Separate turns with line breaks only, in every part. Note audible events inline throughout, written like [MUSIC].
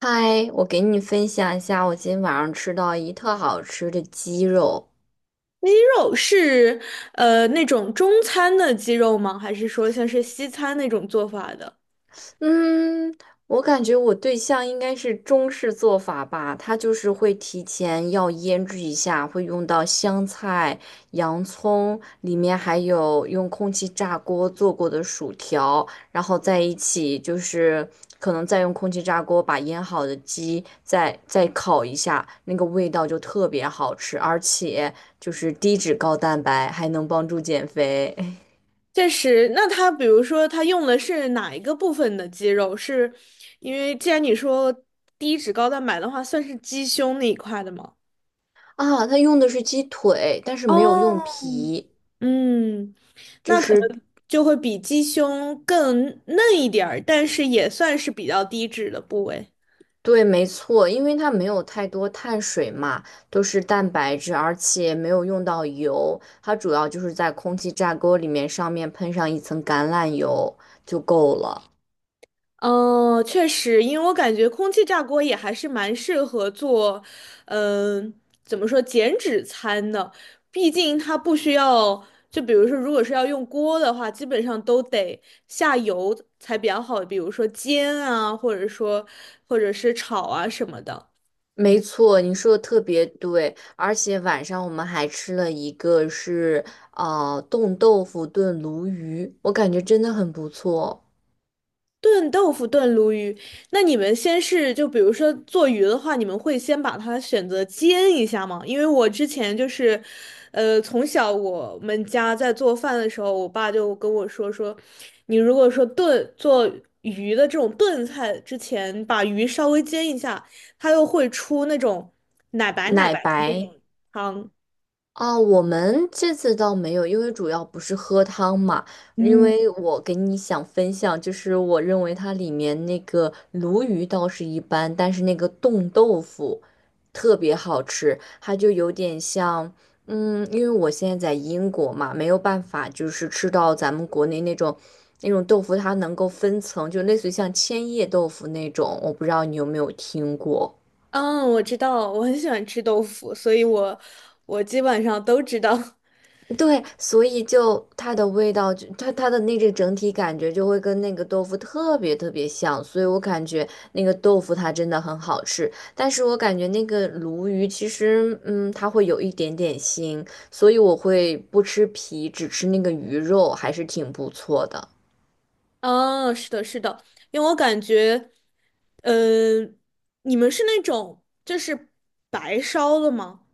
嗨，我给你分享一下我今天晚上吃到一特好吃的鸡肉。
鸡肉是那种中餐的鸡肉吗？还是说像是西餐那种做法的？
嗯，我感觉我对象应该是中式做法吧，他就是会提前要腌制一下，会用到香菜、洋葱，里面还有用空气炸锅做过的薯条，然后在一起就是可能再用空气炸锅把腌好的鸡再烤一下，那个味道就特别好吃，而且就是低脂高蛋白，还能帮助减肥。[LAUGHS]
确实，那它比如说它用的是哪一个部分的鸡肉？是因为既然你说低脂高蛋白的话，算是鸡胸那一块的吗？
啊，他用的是鸡腿，但是没有用
哦，
皮。
嗯，
就
那可
是
能就会比鸡胸更嫩一点儿，但是也算是比较低脂的部位。
对，没错，因为它没有太多碳水嘛，都是蛋白质，而且没有用到油，它主要就是在空气炸锅里面上面喷上一层橄榄油就够了。
哦，确实，因为我感觉空气炸锅也还是蛮适合做，嗯、怎么说减脂餐的？毕竟它不需要，就比如说，如果是要用锅的话，基本上都得下油才比较好，比如说煎啊，或者说或者是炒啊什么的。
没错，你说的特别对，而且晚上我们还吃了一个是冻豆腐炖鲈鱼，我感觉真的很不错，
炖豆腐、炖鲈鱼，那你们先是就比如说做鱼的话，你们会先把它选择煎一下吗？因为我之前就是，从小我们家在做饭的时候，我爸就跟我说，你如果说炖做鱼的这种炖菜之前，把鱼稍微煎一下，它又会出那种奶白奶
奶
白的那
白。
种汤。
啊，我们这次倒没有，因为主要不是喝汤嘛，因
嗯，
为我给你想分享，就是我认为它里面那个鲈鱼倒是一般，但是那个冻豆腐特别好吃，它就有点像，嗯，因为我现在在英国嘛，没有办法就是吃到咱们国内那种豆腐，它能够分层，就类似于像千叶豆腐那种，我不知道你有没有听过。
嗯，我知道，我很喜欢吃豆腐，所以我基本上都知道。[LAUGHS]
对，所以就它的味道，就它的那个整体感觉就会跟那个豆腐特别像，所以我感觉那个豆腐它真的很好吃，但是我感觉那个鲈鱼其实，嗯，它会有一点点腥，所以我会不吃皮，只吃那个鱼肉，还是挺不错的。
哦，是的，是的，因为我感觉，嗯，你们是那种就是白烧的吗？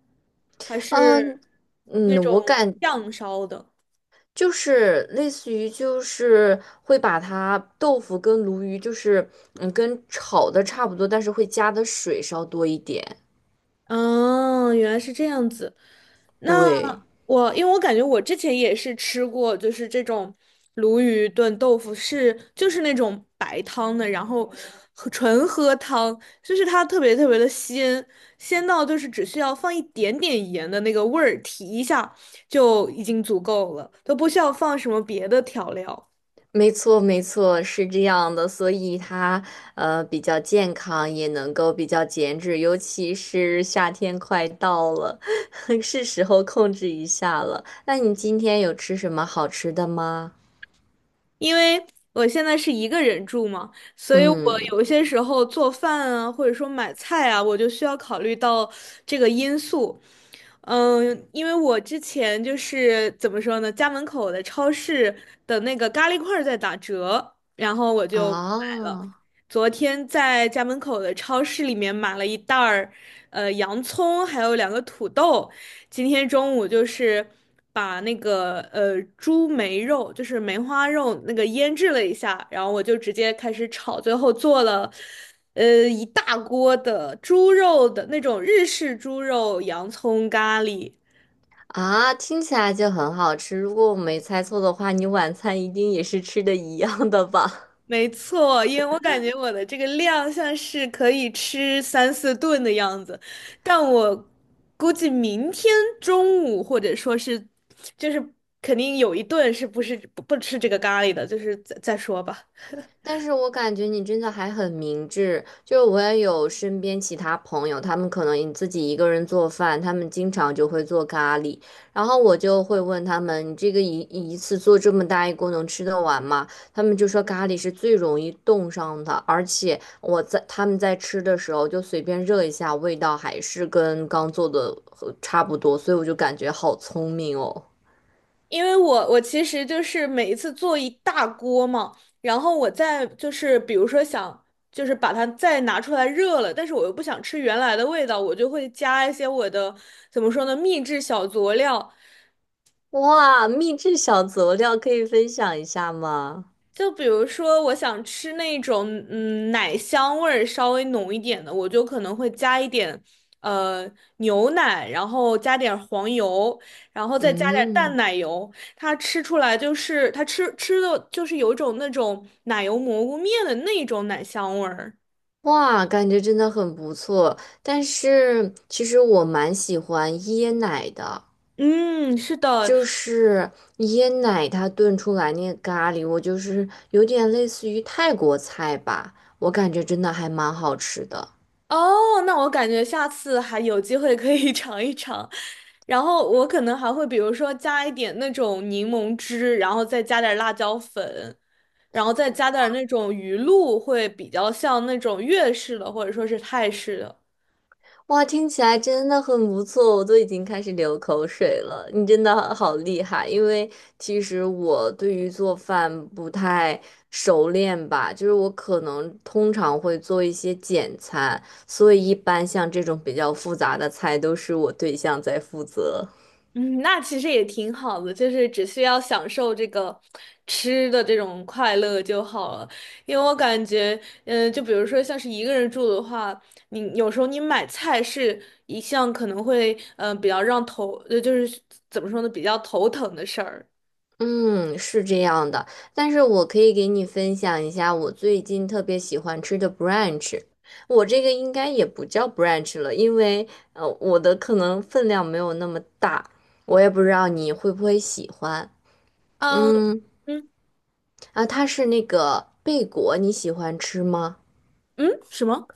还是
嗯嗯，
那种酱烧的？
就是类似于就是会把它豆腐跟鲈鱼就是嗯跟炒的差不多，但是会加的水稍多一点。
哦，原来是这样子。那
对，
我，因为我感觉我之前也是吃过，就是这种鲈鱼炖豆腐是，就是那种白汤的，然后喝纯喝汤，就是它特别特别的鲜，鲜到就是只需要放一点点盐的那个味儿提一下就已经足够了，都不需要放什么别的调料。
没错，是这样的，所以它比较健康，也能够比较减脂，尤其是夏天快到了，[LAUGHS] 是时候控制一下了。那你今天有吃什么好吃的吗？
因为我现在是一个人住嘛，所以我
嗯，
有些时候做饭啊，或者说买菜啊，我就需要考虑到这个因素。嗯，因为我之前就是怎么说呢，家门口的超市的那个咖喱块儿在打折，然后我就买了。
啊，
昨天在家门口的超市里面买了一袋儿，洋葱，还有两个土豆，今天中午就是把那个猪梅肉，就是梅花肉那个腌制了一下，然后我就直接开始炒，最后做了一大锅的猪肉的那种日式猪肉洋葱咖喱。
啊，听起来就很好吃。如果我没猜错的话，你晚餐一定也是吃的一样的吧？
没错，因为我感觉我的这个量像是可以吃三四顿的样子，但我估计明天中午或者说是，就是肯定有一顿是不是不吃这个咖喱的，就是再说吧。
但是我感觉你真的还很明智，就是我也有身边其他朋友，他们可能自己一个人做饭，他们经常就会做咖喱，然后我就会问他们，你这个一次做这么大一锅能吃得完吗？他们就说咖喱是最容易冻上的，而且他们在吃的时候就随便热一下，味道还是跟刚做的差不多，所以我就感觉好聪明哦。
因为我其实就是每一次做一大锅嘛，然后我再就是比如说想就是把它再拿出来热了，但是我又不想吃原来的味道，我就会加一些我的怎么说呢秘制小佐料，
哇，秘制小佐料可以分享一下吗？
就比如说，我想吃那种奶香味儿稍微浓一点的，我就可能会加一点呃牛奶，然后加点黄油，然后再加点淡
嗯。
奶油。它吃出来就是它吃的就是有一种那种奶油蘑菇面的那种奶香味儿。
哇，感觉真的很不错。但是其实我蛮喜欢椰奶的，
嗯，是的，
就是椰奶它炖出来那个咖喱，我就是有点类似于泰国菜吧，我感觉真的还蛮好吃的。
哦，那我感觉下次还有机会可以 [LAUGHS] 尝一尝，然后我可能还会比如说加一点那种柠檬汁，然后再加点辣椒粉，然后再加点那种鱼露，会比较像那种粤式的或者说是泰式的。
哇，听起来真的很不错，我都已经开始流口水了。你真的好厉害，因为其实我对于做饭不太熟练吧，就是我可能通常会做一些简餐，所以一般像这种比较复杂的菜都是我对象在负责。
嗯，那其实也挺好的，就是只需要享受这个吃的这种快乐就好了。因为我感觉，就比如说像是一个人住的话，你有时候你买菜是一项可能会，比较让头，就是怎么说呢，比较头疼的事儿。
嗯，是这样的，但是我可以给你分享一下我最近特别喜欢吃的 b r a n c h， 我这个应该也不叫 brunch 了，因为，我的可能分量没有那么大，我也不知道你会不会喜欢。
嗯，
嗯，
嗯，
啊，它是那个贝果，你喜欢吃吗？
嗯，什么？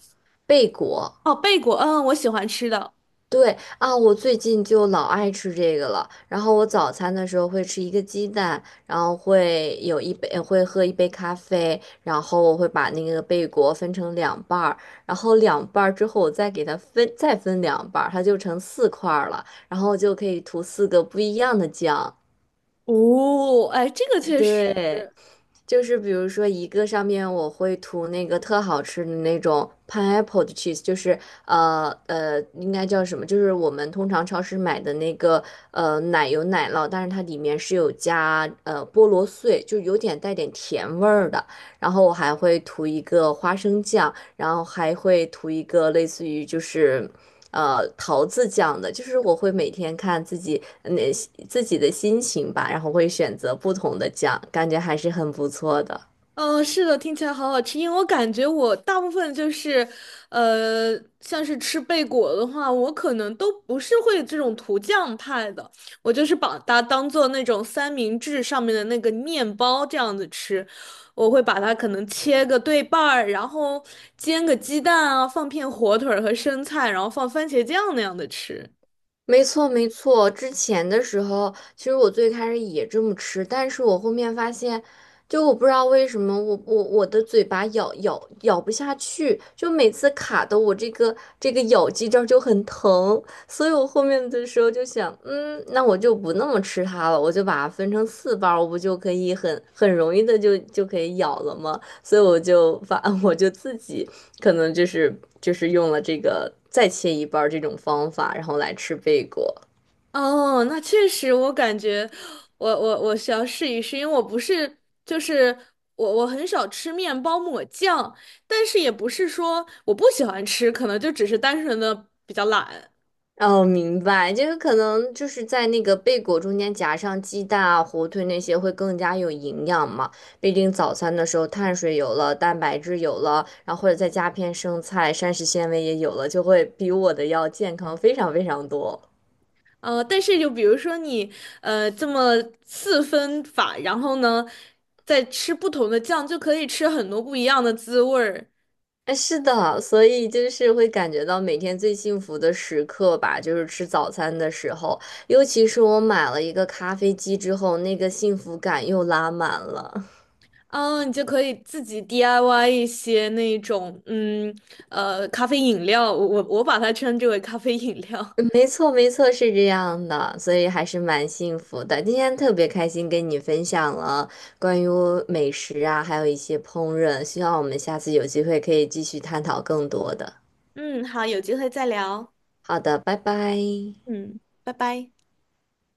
贝果。
哦，贝果，嗯，我喜欢吃的。
对啊，我最近就老爱吃这个了。然后我早餐的时候会吃一个鸡蛋，然后会有一杯，会喝一杯咖啡，然后我会把那个贝果分成两半儿，然后两半儿之后我再给它分，再分两半儿，它就成四块儿了，然后就可以涂四个不一样的酱。
哦，哎，这个确实，
对，就是比如说一个上面我会涂那个特好吃的那种 pineapple 的 cheese，就是，应该叫什么？就是我们通常超市买的那个奶油奶酪，但是它里面是有加菠萝碎，就有点带点甜味儿的。然后我还会涂一个花生酱，然后还会涂一个类似于就是。桃子酱的，就是我会每天看自己自己的心情吧，然后会选择不同的酱，感觉还是很不错的。
嗯，是的，听起来好好吃。因为我感觉我大部分就是，像是吃贝果的话，我可能都不是会这种涂酱派的，我就是把它当做那种三明治上面的那个面包这样子吃。我会把它可能切个对半儿，然后煎个鸡蛋啊，放片火腿儿和生菜，然后放番茄酱那样的吃。
没错，没错。之前的时候，其实我最开始也这么吃，但是我后面发现，就我不知道为什么我，我的嘴巴咬不下去，就每次卡的我这个咬肌这儿就很疼，所以我后面的时候就想，嗯，那我就不那么吃它了，我就把它分成四瓣儿，我不就可以很容易的就可以咬了吗？所以我就发，[LAUGHS] 我就自己可能就是用了这个再切一半儿这种方法，然后来吃贝果。
哦，那确实，我感觉我需要试一试，因为我不是就是我很少吃面包抹酱，但是也不是说我不喜欢吃，可能就只是单纯的比较懒。
哦，明白，就是可能就是在那个贝果中间夹上鸡蛋啊、火腿那些会更加有营养嘛。毕竟早餐的时候碳水有了，蛋白质有了，然后或者再加片生菜，膳食纤维也有了，就会比我的要健康非常多。
啊。但是就比如说你这么四分法，然后呢再吃不同的酱，就可以吃很多不一样的滋味儿。
哎，是的，所以就是会感觉到每天最幸福的时刻吧，就是吃早餐的时候，尤其是我买了一个咖啡机之后，那个幸福感又拉满了。
嗯，你就可以自己 DIY 一些那种咖啡饮料，我把它称之为咖啡饮料。
[LAUGHS] 没错，没错，是这样的，所以还是蛮幸福的。今天特别开心跟你分享了关于美食啊，还有一些烹饪，希望我们下次有机会可以继续探讨更多的。
嗯，好，有机会再聊。
好的，拜拜。
嗯，拜拜。